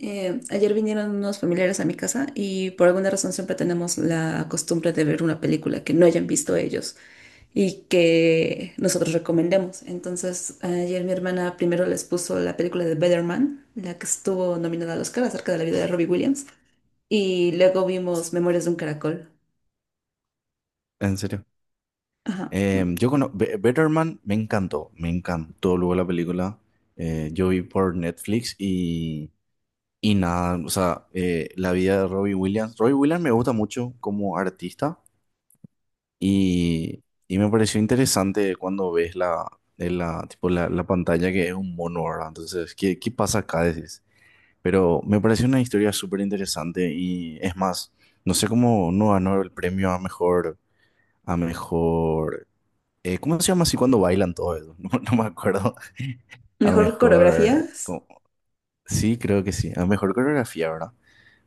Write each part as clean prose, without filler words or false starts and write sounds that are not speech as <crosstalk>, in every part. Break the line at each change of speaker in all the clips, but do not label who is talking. Ayer vinieron unos familiares a mi casa y por alguna razón siempre tenemos la costumbre de ver una película que no hayan visto ellos y que nosotros recomendemos. Entonces, ayer mi hermana primero les puso la película de Better Man, la que estuvo nominada al Oscar acerca de la vida de Robbie Williams, y luego vimos Memorias de un Caracol.
En serio.
Ajá.
Yo conozco Better Man, me encantó luego la película. Yo vi por Netflix y nada, o sea, la vida de Robbie Williams. Robbie Williams me gusta mucho como artista y, y me pareció interesante cuando ves la, en la, tipo la, la pantalla que es un mono, ¿verdad? Entonces, ¿qué pasa acá? Decís. Pero me pareció una historia súper interesante y es más, no sé cómo no ganó el premio a mejor. ¿cómo se llama así cuando bailan todo eso? <laughs> No, no me acuerdo. A
Mejor
mejor.
coreografías.
Sí, creo que sí. A mejor coreografía, ¿verdad?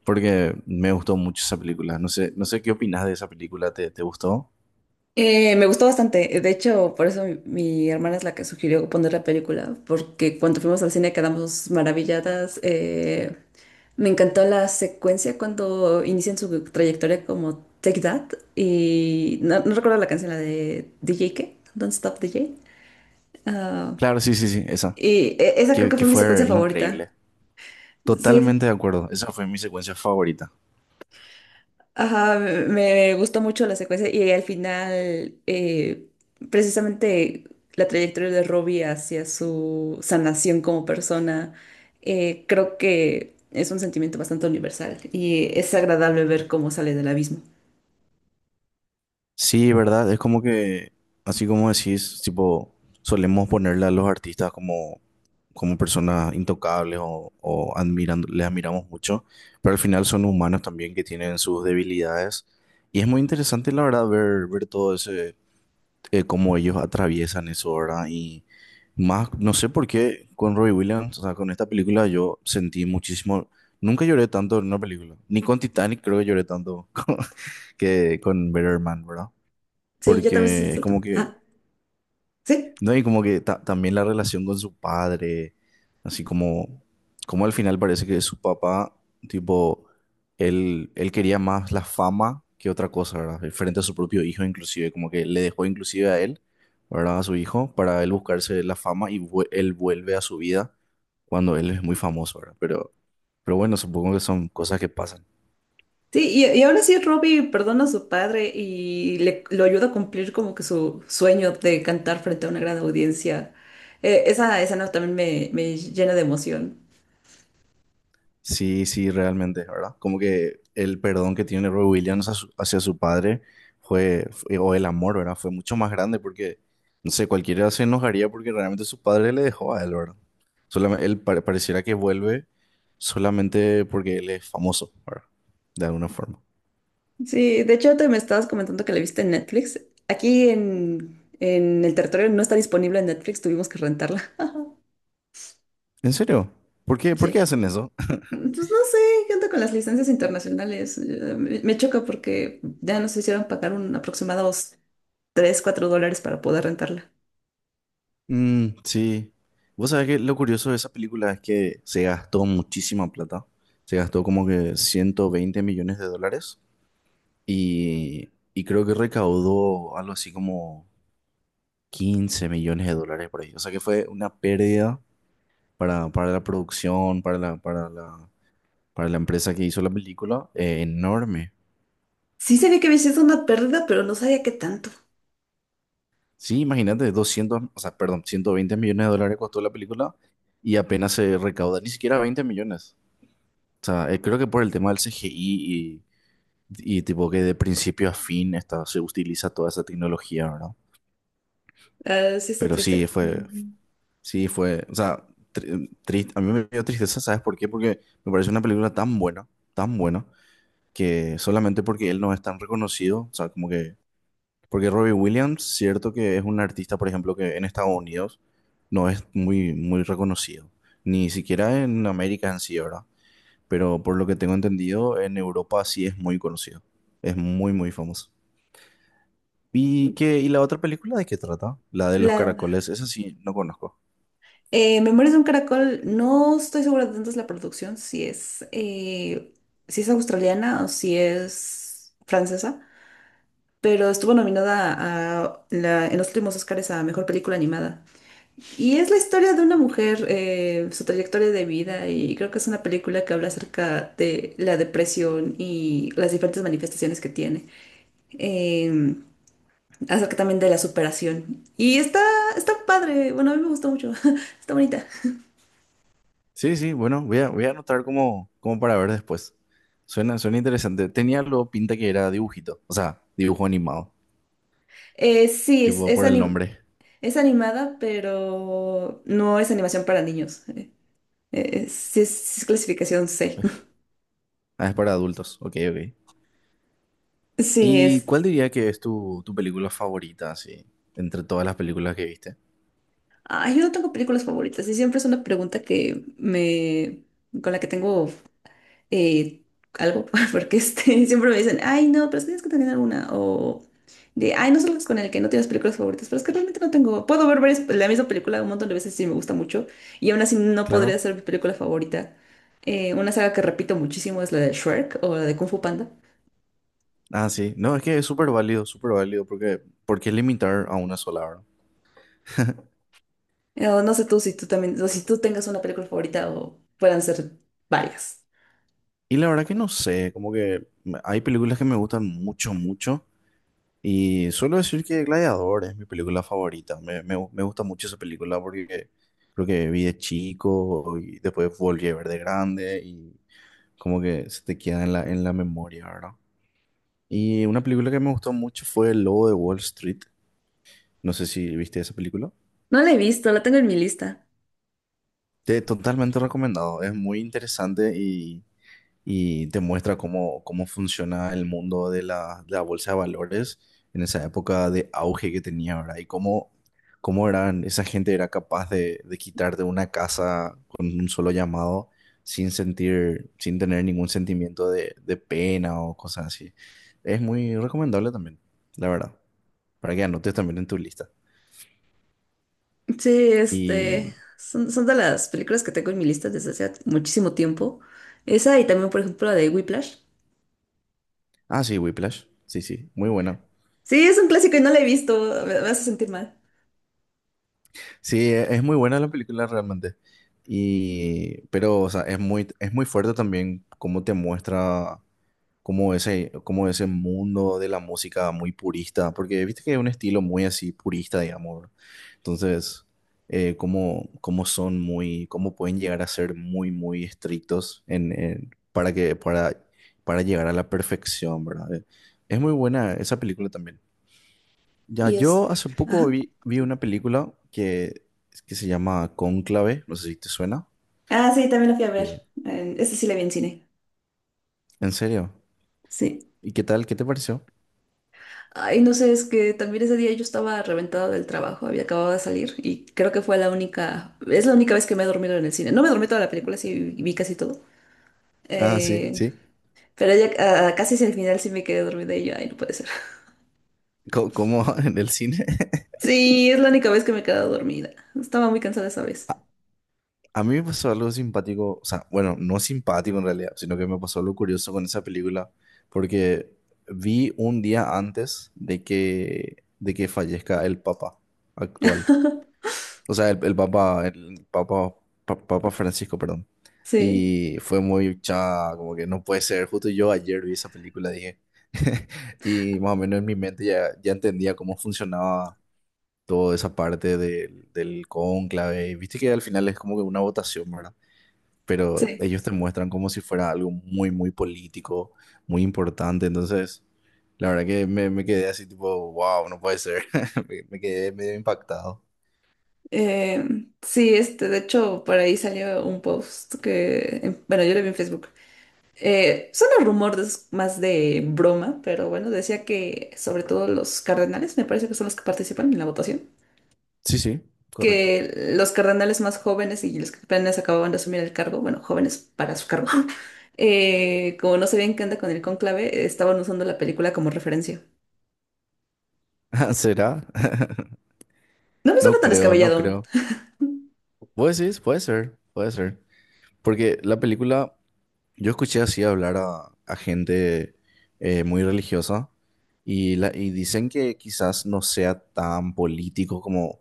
Porque me gustó mucho esa película. No sé, no sé qué opinas de esa película. ¿Te gustó?
Me gustó bastante. De hecho, por eso mi hermana es la que sugirió poner la película, porque cuando fuimos al cine quedamos maravilladas. Me encantó la secuencia cuando inician su trayectoria como Take That y no recuerdo la canción, la de DJ qué, Don't Stop DJ. Ah,
Claro, sí, sí, sí, esa.
y esa creo
Que,
que
que
fue mi secuencia
fue
favorita.
increíble.
Sí,
Totalmente de acuerdo. Esa fue mi secuencia favorita.
ajá, me gustó mucho la secuencia y al final precisamente la trayectoria de Robbie hacia su sanación como persona. Creo que es un sentimiento bastante universal y es agradable ver cómo sale del abismo.
Sí, ¿verdad? Es como que, así como decís, tipo, solemos ponerle a los artistas como personas intocables o admirando, les admiramos mucho, pero al final son humanos también que tienen sus debilidades. Y es muy interesante, la verdad, ver todo ese, cómo ellos atraviesan eso, ¿verdad? Y más, no sé por qué con Robbie Williams, o sea, con esta película yo sentí muchísimo, nunca lloré tanto en una película, ni con Titanic creo que lloré tanto <laughs> que con Better Man, ¿verdad?
Sí, yo también soy
Porque es
salto.
como que
Ah, sí,
no, y como que también la relación con su padre, así como al final parece que su papá, tipo, él quería más la fama que otra cosa, ¿verdad? Frente a su propio hijo, inclusive, como que le dejó inclusive a él, ¿verdad? A su hijo, para él buscarse la fama y él vuelve a su vida cuando él es muy famoso, ¿verdad? Pero bueno, supongo que son cosas que pasan.
sí, y aún así Robbie perdona a su padre y lo ayuda a cumplir como que su sueño de cantar frente a una gran audiencia. Esa escena también me llena de emoción.
Sí, sí, realmente, ¿verdad? Como que el perdón que tiene Roy Williams hacia su padre o el amor, ¿verdad? Fue mucho más grande porque, no sé, cualquiera se enojaría porque realmente su padre le dejó a él, ¿verdad? Solamente, él pareciera que vuelve solamente porque él es famoso, ¿verdad? De alguna forma.
Sí, de hecho te me estabas comentando que la viste en Netflix. Aquí en el territorio no está disponible en Netflix, tuvimos que rentarla. <laughs>
¿En serio? ¿Por qué
Sí.
hacen eso? <laughs>
Mm, pues no sé, ¿qué onda con las licencias internacionales? Me choca porque ya nos hicieron pagar un aproximados 3 4 dólares para poder rentarla.
Mm, sí. Vos sabés que lo curioso de esa película es que se gastó muchísima plata. Se gastó como que 120 millones de dólares. Y creo que recaudó algo así como 15 millones de dólares por ahí. O sea que fue una pérdida para la producción, para la empresa que hizo la película, enorme.
Sí sabía que había sido una pérdida, pero no sabía qué tanto.
Sí, imagínate, doscientos o sea, perdón, 120 millones de dólares costó la película y apenas se recauda, ni siquiera 20 millones. O sea, creo que por el tema del CGI y, y tipo que de principio a fin se utiliza toda esa tecnología, ¿verdad?
Ah, sí está
Pero sí,
triste. Ujú.
O sea, triste, a mí me dio tristeza, ¿sabes por qué? Porque me parece una película tan buena, que solamente porque él no es tan reconocido, o sea, como que, porque Robbie Williams, cierto que es un artista, por ejemplo, que en Estados Unidos no es muy, muy reconocido, ni siquiera en América en sí, ¿verdad? Pero por lo que tengo entendido, en Europa sí es muy conocido, es muy, muy famoso. ¿Y la otra película de qué trata? La de los
La
caracoles, esa sí, no conozco.
Memorias de un caracol, no estoy segura de dónde es la producción, si es, si es australiana o si es francesa, pero estuvo nominada a en los últimos Oscars a Mejor Película Animada. Y es la historia de una mujer, su trayectoria de vida, y creo que es una película que habla acerca de la depresión y las diferentes manifestaciones que tiene. Eh, acerca también de la superación. Y está padre, bueno, a mí me gustó mucho, <laughs> está bonita.
Sí, sí, bueno, voy a, anotar como para ver después. Suena interesante. Tenía lo pinta que era dibujito, o sea, dibujo animado,
Sí,
tipo por el nombre.
es animada, pero no es animación para niños. Sí sí es clasificación C. <laughs>
Ah, es para adultos, ok, ok.
Sí,
¿Y
es...
cuál diría que es tu película favorita, así, entre todas las películas que viste?
Ay, yo no tengo películas favoritas y siempre es una pregunta que me... con la que tengo eh, algo, <laughs> porque este, siempre me dicen, ay, no, pero es que tienes que tener alguna, o de, ay, no salgas con el que no tienes películas favoritas, pero es que realmente no tengo, puedo ver la misma película un montón de veces si me gusta mucho, y aún así no podría
Claro.
ser mi película favorita. Una saga que repito muchísimo es la de Shrek o la de Kung Fu Panda.
Ah, sí. No, es que es súper válido, porque ¿por qué limitar a una sola, verdad?
O no sé tú si tú también, o si tú tengas una película favorita o puedan ser varias.
Y la verdad que no sé, como que hay películas que me gustan mucho, mucho. Y suelo decir que Gladiador es mi película favorita. Me gusta mucho esa película porque creo que vi de chico y después volví a ver de grande y como que se te queda en la memoria, ¿verdad? Y una película que me gustó mucho fue El Lobo de Wall Street. No sé si viste esa película.
No la he visto, la tengo en mi lista.
Totalmente recomendado. Es muy interesante y te muestra cómo funciona el mundo de la bolsa de valores en esa época de auge que tenía, ¿verdad? Y cómo eran, esa gente era capaz de quitarte una casa con un solo llamado sin sentir, sin tener ningún sentimiento de pena o cosas así. Es muy recomendable también, la verdad, para que anotes también en tu lista.
Sí, este,
Y,
son de las películas que tengo en mi lista desde hace muchísimo tiempo. Esa y también, por ejemplo, la de Whiplash.
ah, sí, Whiplash, sí, sí, muy buena.
Sí, es un clásico y no la he visto, me hace sentir mal.
Sí, es muy buena la película realmente. Pero, o sea, es muy fuerte también cómo te muestra cómo ese mundo de la música muy purista, porque viste que es un estilo muy así purista, digamos. Entonces, cómo pueden llegar a ser muy, muy estrictos para llegar a la perfección, ¿verdad? Es muy buena esa película también. Ya,
Y es...
yo hace poco
Ajá.
vi una película que se llama Cónclave, no sé si te suena.
Ah, sí, también la fui a ver.
Que-
Esa sí la vi en cine.
¿En serio?
Sí.
¿Y qué tal? ¿Qué te pareció?
Ay, no sé, es que también ese día yo estaba reventada del trabajo, había acabado de salir y creo que fue la única, es la única vez que me he dormido en el cine. No me dormí toda la película, sí vi casi todo.
Ah, sí,
Eh,
sí.
pero ya casi hacia el final sí me quedé dormida y yo, ay, no puede ser.
Co- Como <laughs> en el cine? <laughs>
Sí, es la única vez que me he quedado dormida. Estaba muy cansada esa vez.
A, a mí me pasó algo simpático, o sea, bueno, no simpático en realidad, sino que me pasó algo curioso con esa película, porque vi un día antes de que fallezca el Papa actual.
<laughs>
O sea, el Papa Francisco, perdón.
Sí,
Y fue muy cha, como que no puede ser. Justo yo ayer vi esa película, dije. <laughs> Y más o menos en mi mente ya entendía cómo funcionaba toda esa parte del cónclave. Y viste que al final es como que una votación, ¿verdad? Pero
sí.
ellos te muestran como si fuera algo muy, muy político, muy importante. Entonces, la verdad que me quedé así tipo, wow, no puede ser. <laughs> Me quedé medio impactado.
Eh, sí, este, de hecho, por ahí salió un post que, bueno, yo lo vi en Facebook. Son los rumores más de broma, pero bueno, decía que sobre todo los cardenales, me parece que son los que participan en la votación,
Sí, sí, correcto.
que los cardenales más jóvenes y los que apenas acababan de asumir el cargo, bueno, jóvenes para su cargo, <laughs> como no sabían qué anda con el cónclave, estaban usando la película como referencia.
<laughs> ¿Será? <laughs>
No me suena
No
tan
creo, no
descabellado.
creo. Puede ser, puede ser, puede ser. Porque la película, yo escuché así hablar a gente muy religiosa y dicen que quizás no sea tan político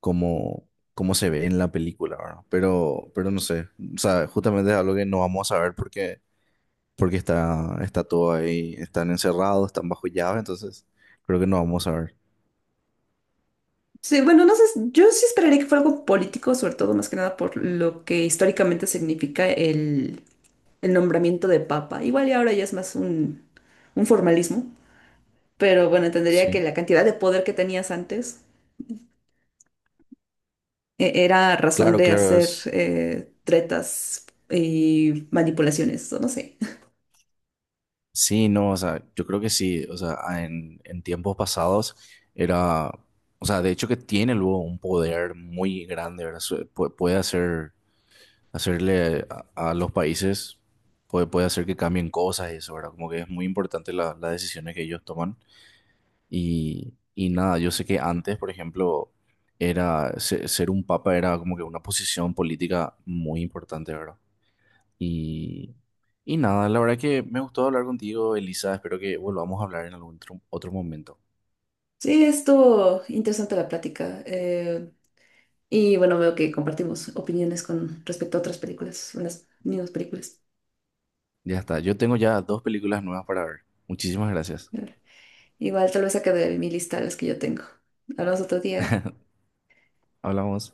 como, como se ve en la película, ¿verdad? pero no sé. O sea, justamente es algo que no vamos a saber porque está todo ahí, están encerrados, están bajo llave, entonces creo que no vamos a ver.
Sí, bueno, no sé, yo sí esperaría que fuera algo político, sobre todo más que nada por lo que históricamente significa el nombramiento de papa. Igual y ahora ya es más un formalismo, pero bueno, entendería que
Sí.
la cantidad de poder que tenías antes era razón
Claro,
de
claro,
hacer
es.
tretas y manipulaciones, o no sé.
Sí, no, o sea, yo creo que sí, o sea, en tiempos pasados era, o sea, de hecho que tiene luego un poder muy grande, ¿verdad? Puede hacer, hacerle a los países, puede hacer que cambien cosas y eso, ¿verdad? Como que es muy importante las decisiones que ellos toman. Y nada, yo sé que antes, por ejemplo, ser un papa era como que una posición política muy importante, ¿verdad? Y, y nada, la verdad que me gustó hablar contigo, Elisa. Espero que volvamos a hablar en algún otro momento.
Sí, esto interesante la plática. Y bueno, veo que compartimos opiniones con respecto a otras películas, unas mismas películas.
Ya está, yo tengo ya dos películas nuevas para ver. Muchísimas gracias.
Igual tal vez saque de mi lista las que yo tengo. Hablamos otro día.
Hablamos.